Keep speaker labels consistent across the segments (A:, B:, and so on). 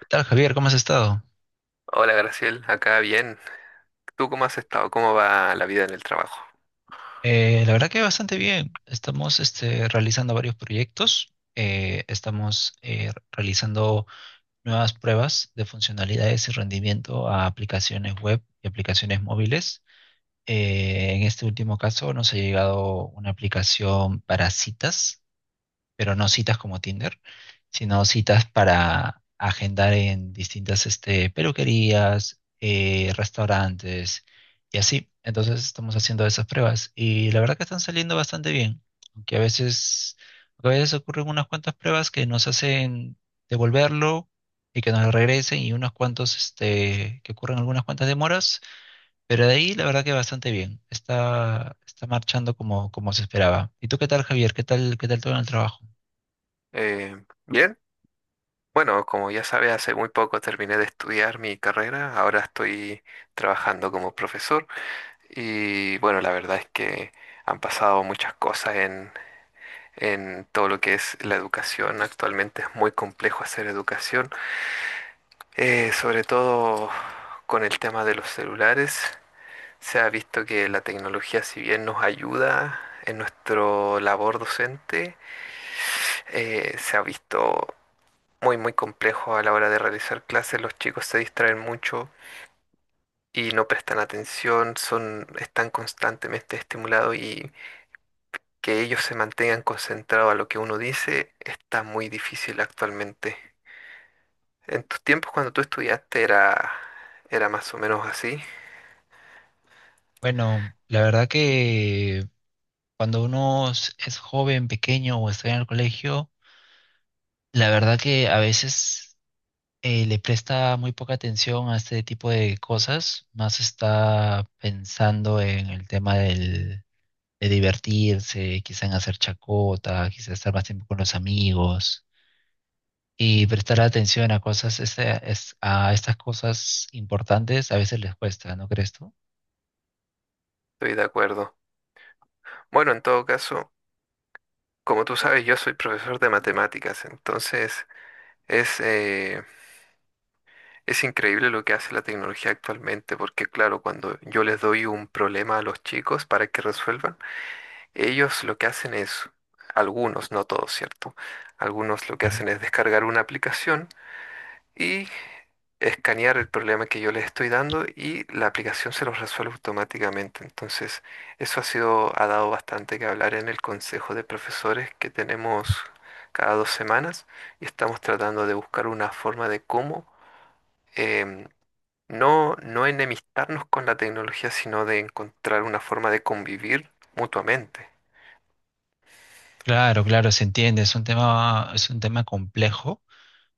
A: ¿Qué tal, Javier? ¿Cómo has estado?
B: Hola Graciel, acá bien. ¿Tú cómo has estado? ¿Cómo va la vida en el trabajo?
A: La verdad que bastante bien. Estamos realizando varios proyectos. Estamos realizando nuevas pruebas de funcionalidades y rendimiento a aplicaciones web y aplicaciones móviles. En este último caso nos ha llegado una aplicación para citas, pero no citas como Tinder, sino citas para agendar en distintas peluquerías, restaurantes y así. Entonces estamos haciendo esas pruebas y la verdad que están saliendo bastante bien, aunque a veces ocurren unas cuantas pruebas que nos hacen devolverlo y que nos lo regresen, y unos cuantos que ocurren algunas cuantas demoras, pero de ahí la verdad que bastante bien. Está marchando como se esperaba. ¿Y tú qué tal, Javier? ¿Qué tal todo en el trabajo?
B: Bien, bueno, como ya sabes, hace muy poco terminé de estudiar mi carrera, ahora estoy trabajando como profesor y bueno, la verdad es que han pasado muchas cosas en todo lo que es la educación. Actualmente es muy complejo hacer educación. Sobre todo con el tema de los celulares, se ha visto que la tecnología, si bien nos ayuda en nuestro labor docente, se ha visto muy, muy complejo a la hora de realizar clases. Los chicos se distraen mucho y no prestan atención, son, están constantemente estimulados y que ellos se mantengan concentrados a lo que uno dice está muy difícil actualmente. En tus tiempos cuando tú estudiaste era, era más o menos así,
A: Bueno, la verdad que cuando uno es joven, pequeño o está en el colegio, la verdad que a veces le presta muy poca atención a este tipo de cosas, más está pensando en el tema de divertirse, quizá en hacer chacota, quizá estar más tiempo con los amigos, y prestar atención a estas cosas importantes a veces les cuesta, ¿no crees tú?
B: estoy de acuerdo. Bueno, en todo caso, como tú sabes, yo soy profesor de matemáticas, entonces es, es increíble lo que hace la tecnología actualmente, porque claro, cuando yo les doy un problema a los chicos para que resuelvan, ellos lo que hacen es, algunos, no todos, ¿cierto? Algunos lo que hacen es descargar una aplicación y escanear el problema que yo les estoy dando y la aplicación se los resuelve automáticamente. Entonces, eso ha sido, ha dado bastante que hablar en el consejo de profesores que tenemos cada dos semanas y estamos tratando de buscar una forma de cómo em, no, no enemistarnos con la tecnología, sino de encontrar una forma de convivir mutuamente.
A: Claro, claro, se entiende. Es un tema complejo,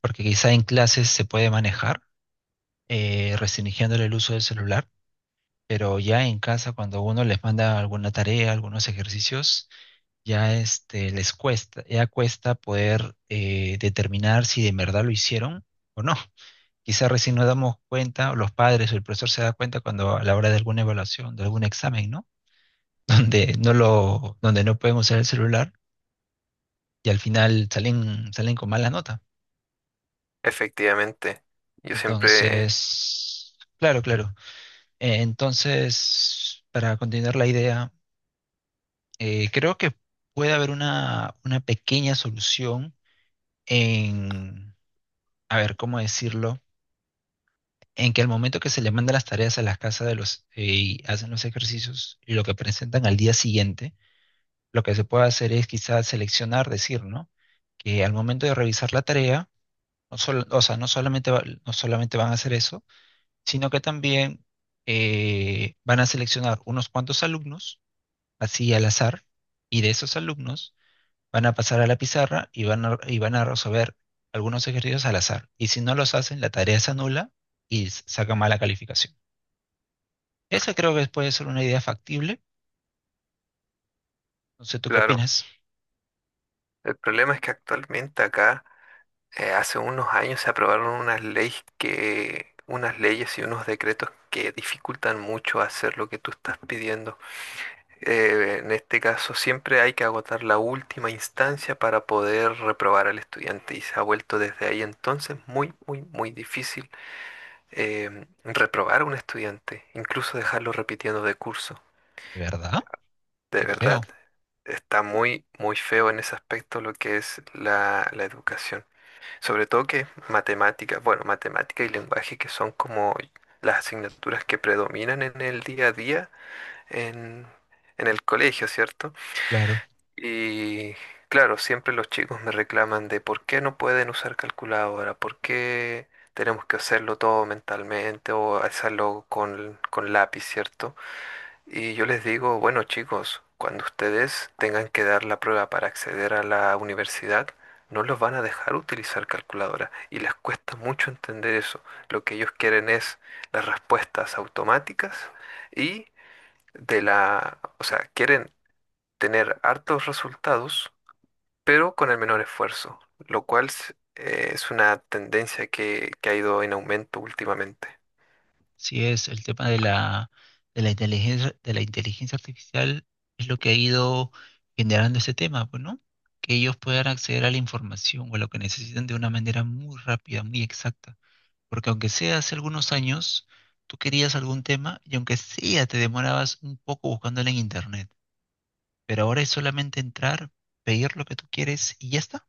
A: porque quizá en clases se puede manejar, restringiéndole el uso del celular, pero ya en casa, cuando uno les manda alguna tarea, algunos ejercicios, ya les cuesta, ya cuesta poder determinar si de verdad lo hicieron o no. Quizá recién nos damos cuenta, o los padres o el profesor se da cuenta cuando a la hora de alguna evaluación, de algún examen, ¿no? Donde no pueden usar el celular y al final salen con mala nota.
B: Efectivamente, yo siempre,
A: Entonces, claro, claro. Entonces, para continuar la idea, creo que puede haber una pequeña solución en, a ver, ¿cómo decirlo? En que al momento que se le mandan las tareas a las casas de los y hacen los ejercicios y lo que presentan al día siguiente, lo que se puede hacer es quizás seleccionar, decir, ¿no? Que al momento de revisar la tarea, no solamente, no solamente van a hacer eso, sino que también van a seleccionar unos cuantos alumnos, así al azar, y de esos alumnos van a pasar a la pizarra y y van a resolver algunos ejercicios al azar. Y si no los hacen, la tarea se anula y sacan mala calificación. Esa creo que puede ser una idea factible. No sé, ¿tú qué
B: claro,
A: opinas?
B: el problema es que actualmente acá. Hace unos años se aprobaron unas leyes que, unas leyes y unos decretos que dificultan mucho hacer lo que tú estás pidiendo. En este caso, siempre hay que agotar la última instancia para poder reprobar al estudiante y se ha vuelto desde ahí entonces muy, muy, muy difícil reprobar a un estudiante, incluso dejarlo repitiendo de curso.
A: ¿De verdad?
B: De
A: Qué
B: verdad,
A: feo.
B: está muy, muy feo en ese aspecto lo que es la educación. Sobre todo que matemáticas, bueno, matemática y lenguaje que son como las asignaturas que predominan en el día a día en, en el colegio, ¿cierto?
A: Claro.
B: Y claro, siempre los chicos me reclaman de por qué no pueden usar calculadora, por qué tenemos que hacerlo todo mentalmente o hacerlo con lápiz, ¿cierto? Y yo les digo, bueno chicos, cuando ustedes tengan que dar la prueba para acceder a la universidad, no los van a dejar utilizar calculadora y les cuesta mucho entender eso. Lo que ellos quieren es las respuestas automáticas y de la, o sea, quieren tener hartos resultados, pero con el menor esfuerzo, lo cual es una tendencia que ha ido en aumento últimamente.
A: Sí, es el tema de la inteligencia artificial es lo que ha ido generando ese tema, pues, ¿no? Que ellos puedan acceder a la información o a lo que necesitan de una manera muy rápida, muy exacta. Porque aunque sea hace algunos años, tú querías algún tema y aunque sea te demorabas un poco buscándolo en internet. Pero ahora es solamente entrar, pedir lo que tú quieres y ya está.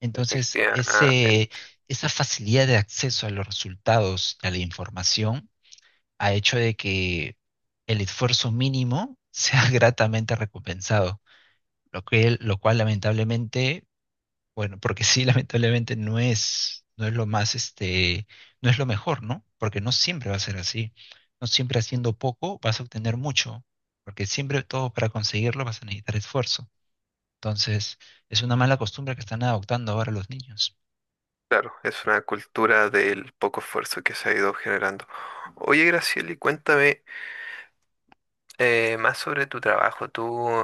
A: Entonces,
B: Efectivamente.
A: ese, Esa facilidad de acceso a los resultados, a la información a hecho de que el esfuerzo mínimo sea gratamente recompensado, lo cual lamentablemente, bueno, porque sí, lamentablemente no es lo no es lo mejor, ¿no? Porque no siempre va a ser así. No siempre haciendo poco vas a obtener mucho, porque siempre todo para conseguirlo vas a necesitar esfuerzo. Entonces, es una mala costumbre que están adoptando ahora los niños.
B: Claro, es una cultura del poco esfuerzo que se ha ido generando. Oye, Gracieli, cuéntame más sobre tu trabajo. ¿Tú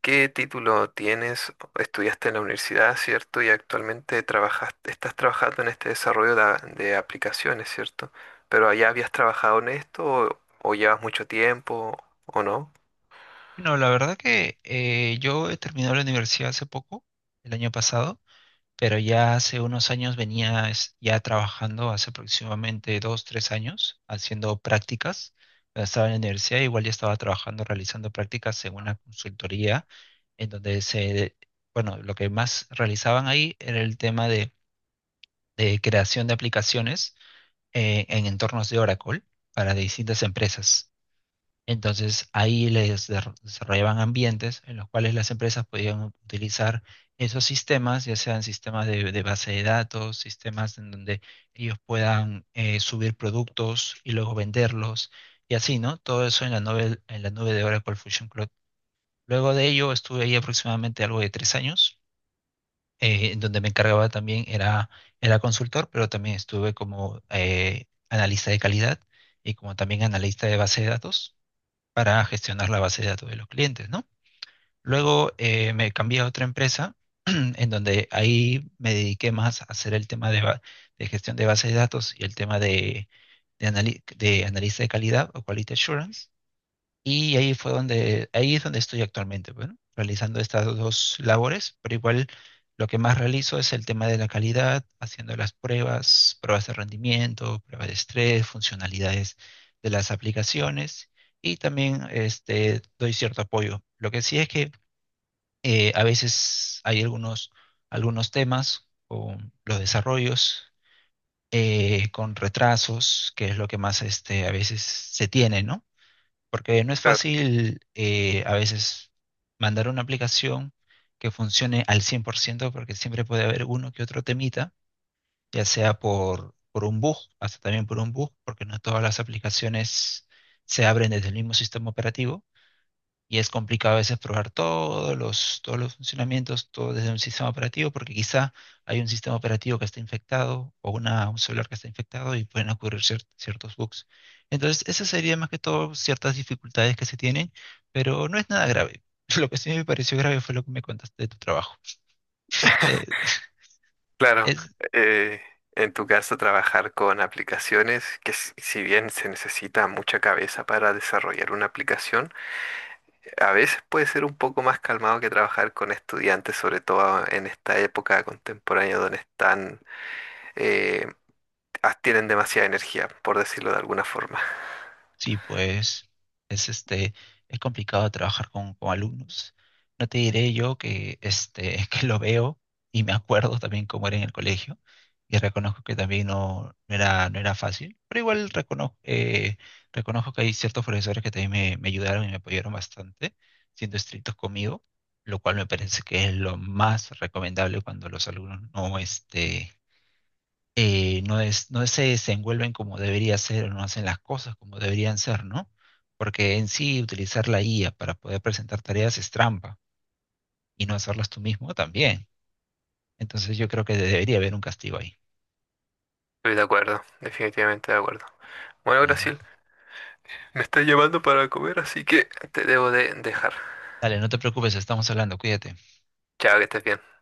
B: qué título tienes? Estudiaste en la universidad, ¿cierto? Y actualmente trabajas, estás trabajando en este desarrollo de aplicaciones, ¿cierto? ¿Pero allá habías trabajado en esto o llevas mucho tiempo o no?
A: No, la verdad que yo he terminado la universidad hace poco, el año pasado, pero ya hace unos años venía ya trabajando, hace aproximadamente dos, tres años, haciendo prácticas. Cuando estaba en la universidad, igual ya estaba trabajando, realizando prácticas en una consultoría, en donde se, bueno, lo que más realizaban ahí era el tema de creación de aplicaciones en entornos de Oracle para distintas empresas. Entonces ahí desarrollaban ambientes en los cuales las empresas podían utilizar esos sistemas, ya sean sistemas de base de datos, sistemas en donde ellos puedan subir productos y luego venderlos y así, ¿no? Todo eso en la nube de Oracle Fusion Cloud. Luego de ello estuve ahí aproximadamente algo de tres años, en donde me encargaba también, era consultor, pero también estuve como analista de calidad, y como también analista de base de datos para gestionar la base de datos de los clientes, ¿no? Luego me cambié a otra empresa en donde ahí me dediqué más a hacer el tema de gestión de base de datos y el tema de analista de calidad o quality assurance. Y ahí es donde estoy actualmente, bueno, realizando estas dos labores, pero igual lo que más realizo es el tema de la calidad, haciendo las pruebas, pruebas de rendimiento, pruebas de estrés, funcionalidades de las aplicaciones, y también doy cierto apoyo. Lo que sí es que a veces hay algunos temas con los desarrollos, con retrasos, que es lo que más a veces se tiene, ¿no? Porque no es
B: Claro,
A: fácil a veces mandar una aplicación que funcione al cien por ciento, porque siempre puede haber uno que otro temita, ya sea por un bug, hasta también por un bug, porque no todas las aplicaciones se abren desde el mismo sistema operativo. Y es complicado a veces probar todos todos los funcionamientos, todo desde un sistema operativo, porque quizá hay un sistema operativo que está infectado o un celular que está infectado, y pueden ocurrir ciertos bugs. Entonces, esas serían más que todo ciertas dificultades que se tienen, pero no es nada grave. Lo que sí me pareció grave fue lo que me contaste de tu trabajo. Eh,
B: claro.
A: es,
B: eh, en tu caso, trabajar con aplicaciones, que si bien se necesita mucha cabeza para desarrollar una aplicación, a veces puede ser un poco más calmado que trabajar con estudiantes, sobre todo en esta época contemporánea donde están, eh, tienen demasiada energía, por decirlo de alguna forma.
A: Sí, pues es este es complicado trabajar con alumnos. No te diré yo que que lo veo y me acuerdo también cómo era en el colegio y reconozco que también no era fácil, pero igual reconozco que hay ciertos profesores que también me ayudaron y me apoyaron bastante, siendo estrictos conmigo, lo cual me parece que es lo más recomendable cuando los alumnos no se desenvuelven como debería ser o no hacen las cosas como deberían ser, ¿no? Porque en sí utilizar la IA para poder presentar tareas es trampa, y no hacerlas tú mismo también. Entonces yo creo que debería haber un castigo ahí.
B: Estoy de acuerdo, definitivamente de acuerdo. Bueno,
A: Claro.
B: Brasil, me está llamando para comer, así que te debo de dejar.
A: Dale, no te preocupes, estamos hablando, cuídate.
B: Chao, que estés bien.